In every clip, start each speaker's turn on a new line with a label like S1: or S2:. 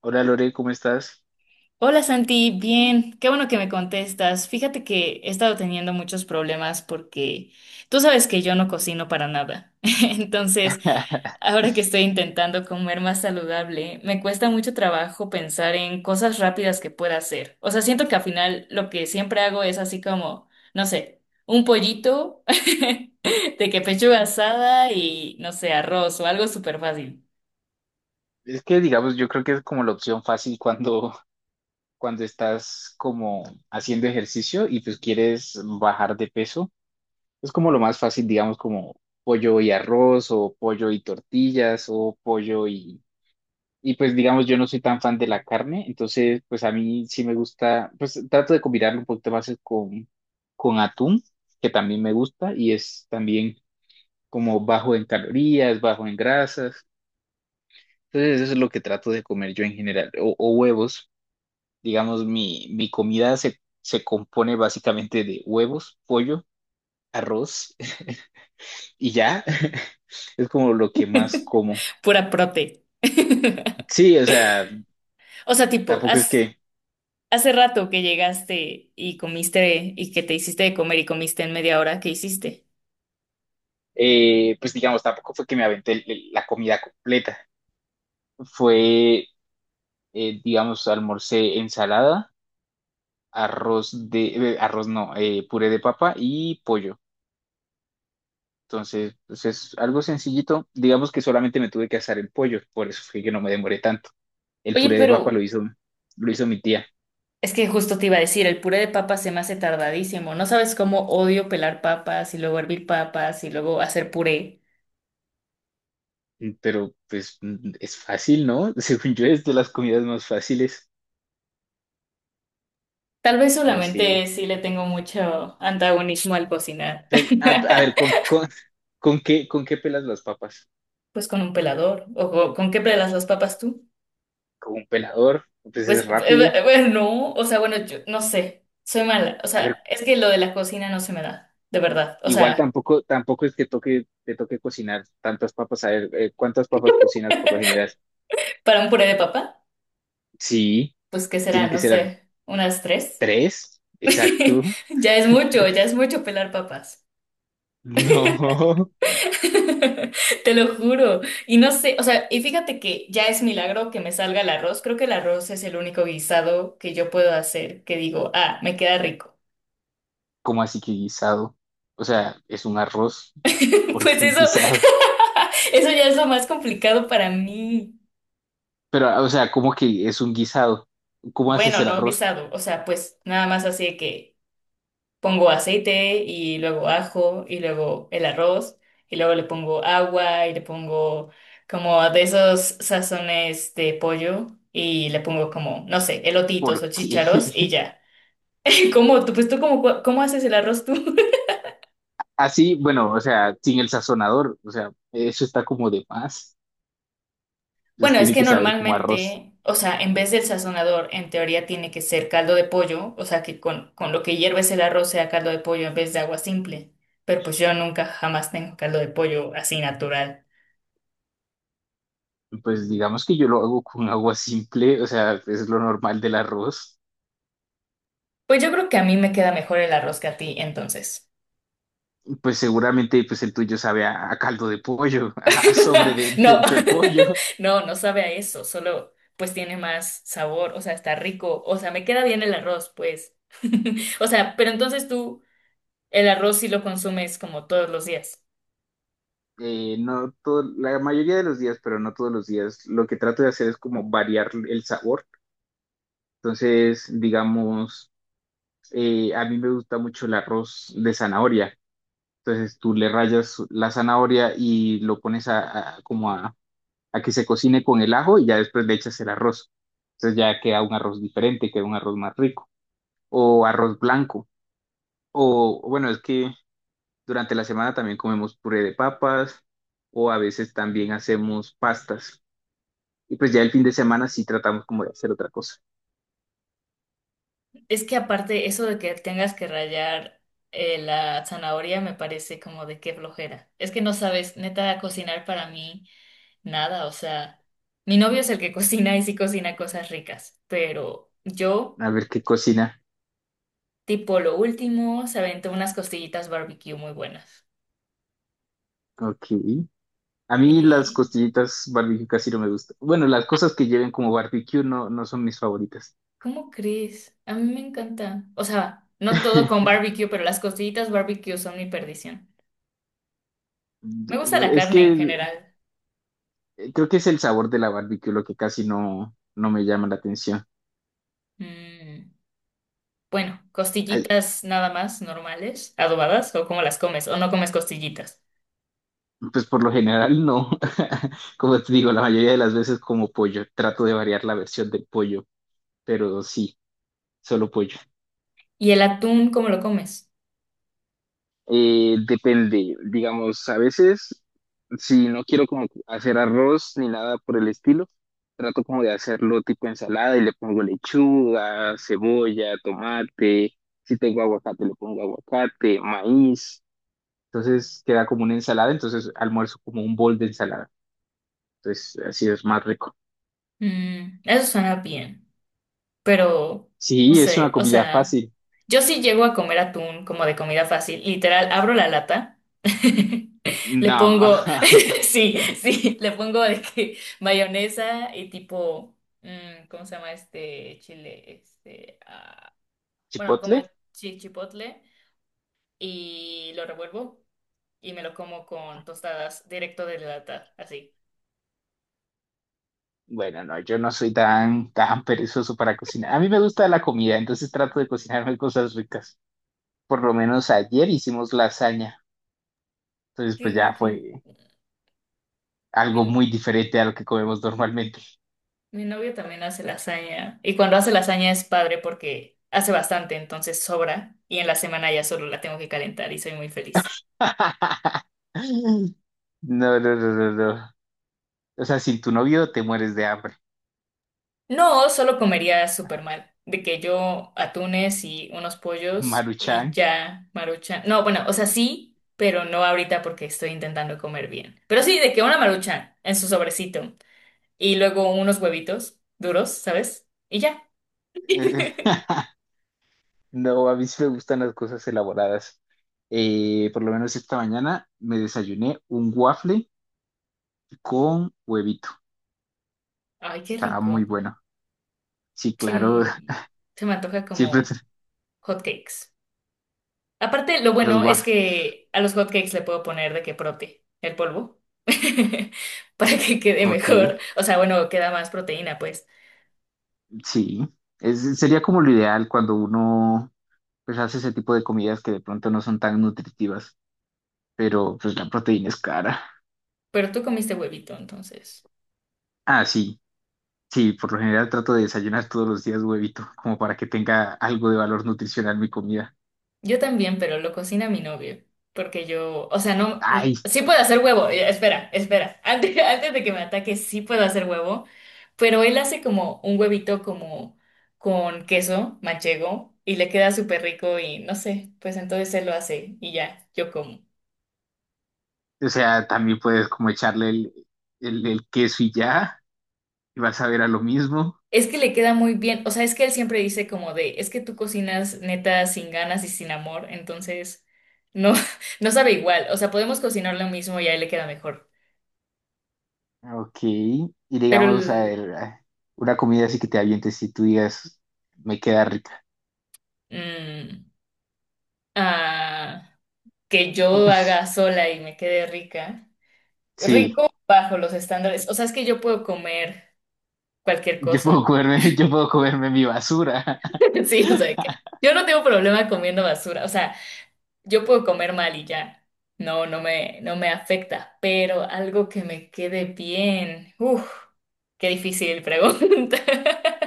S1: Hola Lore, ¿cómo estás?
S2: Hola Santi, bien, qué bueno que me contestas. Fíjate que he estado teniendo muchos problemas porque tú sabes que yo no cocino para nada. Entonces, ahora que estoy intentando comer más saludable, me cuesta mucho trabajo pensar en cosas rápidas que pueda hacer. O sea, siento que al final lo que siempre hago es así como, no sé, un pollito de que pechuga asada y, no sé, arroz o algo súper fácil,
S1: Es que digamos, yo creo que es como la opción fácil cuando, cuando estás como haciendo ejercicio y pues quieres bajar de peso. Es como lo más fácil, digamos, como pollo y arroz o pollo y tortillas o pollo y... Y pues digamos, yo no soy tan fan de la carne, entonces pues a mí sí me gusta, pues trato de combinarlo un poquito más con atún, que también me gusta y es también como bajo en calorías, bajo en grasas. Entonces eso es lo que trato de comer yo en general, o huevos. Digamos, mi comida se compone básicamente de huevos, pollo, arroz y ya. Es como lo que más como.
S2: pura prote.
S1: Sí, o sea,
S2: O sea, tipo,
S1: tampoco es que,
S2: hace rato que llegaste y comiste y que te hiciste de comer y comiste en media hora, ¿qué hiciste?
S1: pues digamos, tampoco fue que me aventé la comida completa. Fue, digamos, almorcé ensalada, arroz de, arroz no, puré de papa y pollo. Entonces, pues es algo sencillito. Digamos que solamente me tuve que asar el pollo, por eso fue que no me demoré tanto. El
S2: Oye,
S1: puré de papa
S2: pero
S1: lo hizo mi tía.
S2: es que justo te iba a decir, el puré de papas se me hace tardadísimo. No sabes cómo odio pelar papas y luego hervir papas y luego hacer puré.
S1: Mm, pero pues mm, es fácil, ¿no? Según yo es de las comidas más fáciles.
S2: Tal vez
S1: Bueno, sí.
S2: solamente sí le tengo mucho antagonismo al cocinar.
S1: Pues, a ver, con qué pelas las papas?
S2: Pues con un pelador. ¿O con qué pelas las papas tú?
S1: Con un pelador, pues
S2: Pues,
S1: es rápido.
S2: bueno, no. O sea, bueno, yo no sé. Soy mala. O
S1: A ver,
S2: sea, es que lo de la cocina no se me da, de verdad. O
S1: igual
S2: sea,
S1: tampoco, tampoco es que toque, te toque cocinar tantas papas. A ver, ¿cuántas papas cocinas por lo general?
S2: para un puré de papa.
S1: Sí,
S2: Pues qué será,
S1: tienen que
S2: no
S1: ser
S2: sé, unas tres.
S1: tres, exacto.
S2: Ya es mucho pelar papas.
S1: No.
S2: Te lo juro. Y no sé, o sea, y fíjate que ya es milagro que me salga el arroz. Creo que el arroz es el único guisado que yo puedo hacer que digo, ah, me queda rico.
S1: ¿Cómo así que guisado? O sea, es un arroz, ¿por
S2: Pues
S1: qué un
S2: eso,
S1: guisado?
S2: eso ya es lo más complicado para mí.
S1: Pero, o sea, ¿cómo que es un guisado? ¿Cómo haces
S2: Bueno,
S1: el
S2: no
S1: arroz?
S2: guisado, o sea, pues nada más así de que pongo aceite y luego ajo y luego el arroz y luego le pongo agua y le pongo como de esos sazones de pollo y le pongo como, no sé, elotitos
S1: ¿Por
S2: o
S1: qué?
S2: chícharos y ya. ¿Cómo tú, pues tú cómo, cua- cómo haces el arroz tú?
S1: Así, bueno, o sea, sin el sazonador, o sea, eso está como de más. Entonces
S2: Bueno, es
S1: tiene
S2: que
S1: que saber como arroz.
S2: normalmente, o sea, en vez del sazonador, en teoría tiene que ser caldo de pollo, o sea, que con lo que hierves el arroz sea caldo de pollo en vez de agua simple. Pero pues yo nunca jamás tengo caldo de pollo así natural.
S1: Pues digamos que yo lo hago con agua simple, o sea, es lo normal del arroz.
S2: Pues yo creo que a mí me queda mejor el arroz que a ti, entonces.
S1: Pues seguramente pues el tuyo sabe a caldo de pollo, a sobre de,
S2: No,
S1: de pollo.
S2: no, no sabe a eso, solo pues tiene más sabor, o sea, está rico, o sea, me queda bien el arroz, pues. O sea, pero entonces tú el arroz sí lo consumes como todos los días.
S1: No todo, la mayoría de los días, pero no todos los días, lo que trato de hacer es como variar el sabor. Entonces, digamos, a mí me gusta mucho el arroz de zanahoria. Entonces tú le rayas la zanahoria y lo pones a, como a que se cocine con el ajo y ya después le echas el arroz. Entonces ya queda un arroz diferente, queda un arroz más rico. O arroz blanco. O bueno, es que durante la semana también comemos puré de papas o a veces también hacemos pastas. Y pues ya el fin de semana sí tratamos como de hacer otra cosa.
S2: Es que aparte eso de que tengas que rallar la zanahoria me parece como de qué flojera. Es que no sabes, neta, cocinar para mí nada, o sea, mi novio es el que cocina y sí cocina cosas ricas, pero yo...
S1: A ver qué cocina.
S2: Tipo lo último, se aventó unas costillitas barbecue muy buenas.
S1: Ok. A mí las
S2: Eh,
S1: costillitas barbecue casi no me gustan. Bueno, las cosas que lleven como barbecue no, no son mis favoritas.
S2: ¿Cómo crees? A mí me encanta. O sea, no todo con barbecue, pero las costillitas barbecue son mi perdición. Me gusta la
S1: Es
S2: carne en
S1: que
S2: general.
S1: creo que es el sabor de la barbecue lo que casi no, no me llama la atención.
S2: Mm, bueno,
S1: Ay,
S2: costillitas nada más normales, adobadas, o cómo las comes, o no comes costillitas.
S1: pues por lo general no. Como te digo, la mayoría de las veces como pollo. Trato de variar la versión del pollo, pero sí, solo pollo.
S2: ¿Y el atún, cómo lo comes?
S1: Depende, digamos, a veces si no quiero como hacer arroz ni nada por el estilo, trato como de hacerlo tipo ensalada y le pongo lechuga, cebolla, tomate, si tengo aguacate le pongo aguacate, maíz, entonces queda como una ensalada, entonces almuerzo como un bol de ensalada, entonces así es más rico.
S2: Mm, eso suena bien. Pero no
S1: Sí, es una
S2: sé, o
S1: comida
S2: sea,
S1: fácil.
S2: yo sí llego a comer atún como de comida fácil, literal, abro la lata, le
S1: No,
S2: pongo, sí, sí, le pongo de que mayonesa y tipo, ¿cómo se llama este chile? Este, ah, bueno, como
S1: chipotle.
S2: chipotle y lo revuelvo y me lo como con tostadas directo de la lata, así.
S1: Bueno, no, yo no soy tan, tan perezoso para cocinar. A mí me gusta la comida, entonces trato de cocinarme cosas ricas. Por lo menos ayer hicimos lasaña, entonces
S2: Qué
S1: pues ya
S2: rico.
S1: fue algo muy diferente a lo que comemos normalmente.
S2: Mi novio también hace lasaña y cuando hace lasaña es padre porque hace bastante, entonces sobra y en la semana ya solo la tengo que calentar y soy muy feliz.
S1: No, no, no, no, no. O sea, sin tu novio te mueres de hambre.
S2: No, solo comería súper mal, de que yo atunes y unos pollos y
S1: Maruchan.
S2: ya maruchan. No, bueno, o sea, sí, pero no ahorita porque estoy intentando comer bien. Pero sí, de que una maruchan en su sobrecito y luego unos huevitos duros, ¿sabes? Y ya.
S1: Eh, No, a mí sí me gustan las cosas elaboradas. Por lo menos esta mañana me desayuné un waffle con huevito.
S2: Ay, qué
S1: Estaba muy
S2: rico.
S1: bueno. Sí, claro,
S2: Sí, se me antoja
S1: siempre
S2: como hot cakes. Aparte, lo
S1: los
S2: bueno es
S1: waffles.
S2: que a los hotcakes le puedo poner de que prote, el polvo, para que quede
S1: Ok,
S2: mejor. O sea, bueno, queda más proteína, pues.
S1: sí. Es, sería como lo ideal cuando uno pues hace ese tipo de comidas que de pronto no son tan nutritivas, pero pues la proteína es cara.
S2: Pero tú comiste huevito, entonces.
S1: Ah, sí, sí, por lo general trato de desayunar todos los días huevito, como para que tenga algo de valor nutricional mi comida.
S2: Yo también, pero lo cocina mi novio. Porque yo, o sea, no,
S1: Ay,
S2: sí puedo hacer huevo. Espera, espera. Antes de que me ataque, sí puedo hacer huevo. Pero él hace como un huevito como con queso manchego y le queda súper rico y no sé, pues entonces él lo hace y ya, yo como.
S1: o sea, también puedes como echarle el, el queso y ya, y vas a ver a lo mismo.
S2: Es que le queda muy bien, o sea, es que él siempre dice como de, es que tú cocinas neta sin ganas y sin amor, entonces no, no sabe igual, o sea, podemos cocinar lo mismo y a él le queda mejor,
S1: Ok, y
S2: pero
S1: digamos, a
S2: el,
S1: ver, a- una comida así que te avientes y tú digas, me queda rica.
S2: mm, ah, que yo haga sola y me quede rica,
S1: Sí,
S2: rico bajo los estándares, o sea, es que yo puedo comer cualquier
S1: yo
S2: cosa,
S1: puedo comerme, yo puedo comerme mi basura.
S2: sí, o sea, que yo no tengo problema comiendo basura, o sea. Yo puedo comer mal y ya. No, no me afecta, pero algo que me quede bien. Uf, qué difícil pregunta.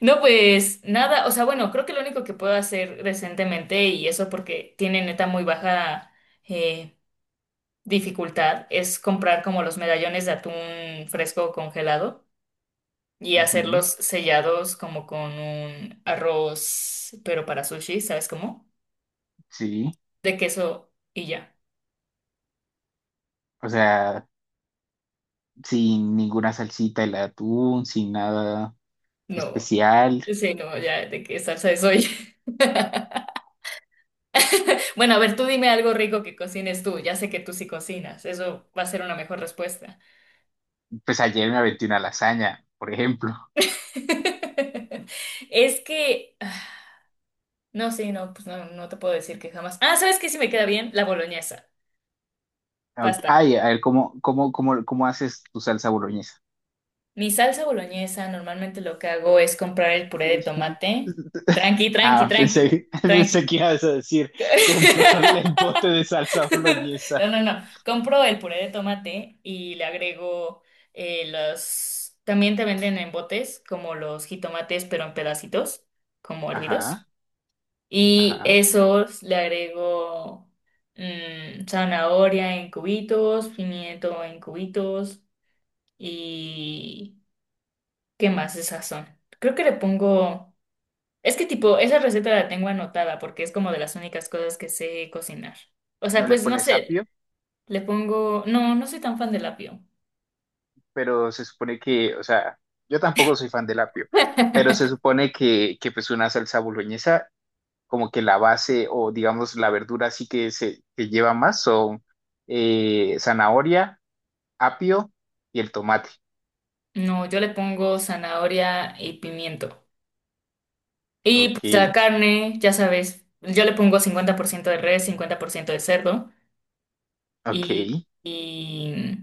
S2: No, pues nada, o sea, bueno, creo que lo único que puedo hacer recientemente, y eso porque tiene neta muy baja eh, dificultad, es comprar como los medallones de atún fresco congelado y
S1: Ujú.
S2: hacerlos sellados como con un arroz, pero para sushi, ¿sabes cómo?
S1: Sí,
S2: De queso y ya.
S1: o sea, sin ninguna salsita, el atún, sin nada
S2: No,
S1: especial.
S2: sí, no, ya de qué salsa soy. Bueno, a ver, tú dime algo rico que cocines tú. Ya sé que tú sí cocinas. Eso va a ser una mejor respuesta.
S1: Pues ayer me aventé una lasaña, por ejemplo.
S2: Es que, ah, no, sí, no, pues no, no te puedo decir que jamás. Ah, ¿sabes qué sí me queda bien? La boloñesa.
S1: Ok,
S2: Pasta.
S1: ay, a ver, ¿cómo, cómo, cómo, cómo haces tu salsa boloñesa?
S2: Mi salsa boloñesa, normalmente lo que hago es comprar el puré de tomate. Tranqui, tranqui,
S1: Ah,
S2: tranqui,
S1: pensé, pensé
S2: tranqui.
S1: que ibas a decir comprarle el bote de salsa boloñesa.
S2: No, no, no. Compro el puré de tomate y le agrego los... También te venden en botes como los jitomates, pero en pedacitos, como hervidos.
S1: Ajá,
S2: Y
S1: ajá.
S2: esos le agrego zanahoria en cubitos, pimiento en cubitos y... ¿Qué más de sazón? Creo que le pongo... Es que tipo, esa receta la tengo anotada porque es como de las únicas cosas que sé cocinar. O sea,
S1: No le
S2: pues no
S1: pones
S2: sé,
S1: apio,
S2: le pongo, no, no soy tan fan del apio.
S1: pero se supone que, o sea, yo tampoco soy fan del apio, pero se supone que pues una salsa boloñesa, como que la base o digamos la verdura así que se que lleva más son zanahoria, apio y el tomate.
S2: No, yo le pongo zanahoria y pimiento. Y
S1: Ok,
S2: pues la carne, ya sabes, yo le pongo 50% de res, 50% de cerdo
S1: ok.
S2: y, y,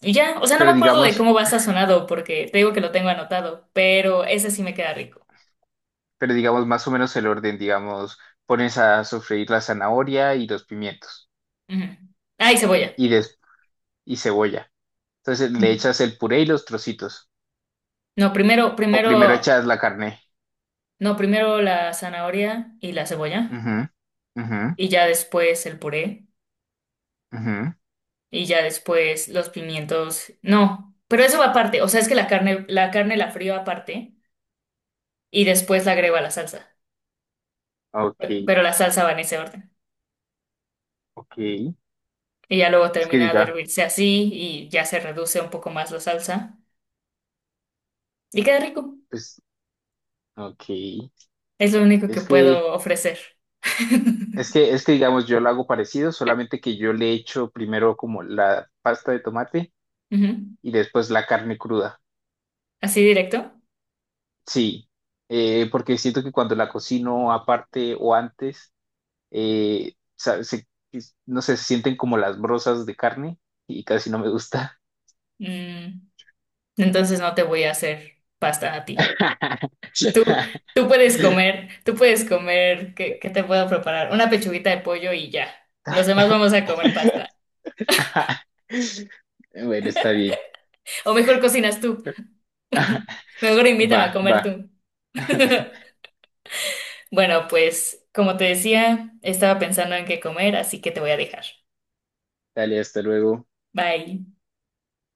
S2: y ya, o sea, no me
S1: Pero
S2: acuerdo de
S1: digamos,
S2: cómo va sazonado porque te digo que lo tengo anotado, pero ese sí me queda rico.
S1: pero digamos más o menos el orden, digamos, pones a sofreír la zanahoria y los pimientos
S2: Ujú. Ah, y cebolla.
S1: y, y cebolla. Entonces le
S2: Ujú.
S1: echas el puré y los trocitos.
S2: No, primero,
S1: O
S2: primero,
S1: primero echas la carne.
S2: no, primero la zanahoria y la cebolla
S1: Ujú, ujú,
S2: y ya después el puré.
S1: ujú.
S2: Y ya después los pimientos, no, pero eso va aparte, o sea, es que la carne, la carne la frío aparte y después la agrego a la salsa,
S1: Ok,
S2: pero la salsa va en ese orden.
S1: ok.
S2: Y ya luego
S1: Es que
S2: termina de
S1: diga,
S2: hervirse así y ya se reduce un poco más la salsa y queda rico.
S1: pues, ok.
S2: Es lo único que
S1: Es que,
S2: puedo ofrecer.
S1: es que digamos, yo lo hago parecido, solamente que yo le echo primero como la pasta de tomate
S2: Ujú.
S1: y después la carne cruda.
S2: Así directo.
S1: Sí, porque siento que cuando la cocino aparte o antes, eh, sa- se- no sé, se sienten como las brozas de carne y casi no me gusta.
S2: Mm, entonces no te voy a hacer pasta a ti. Tú, tú puedes comer, ¿qué, qué te puedo preparar? Una pechuguita de pollo y ya. Los demás vamos a comer pasta.
S1: Bueno, está bien.
S2: O mejor cocinas tú. Mejor invítame
S1: Va,
S2: a
S1: va.
S2: comer tú. Bueno, pues como te decía, estaba pensando en qué comer, así que te voy a dejar.
S1: Dale, hasta luego.
S2: Bye.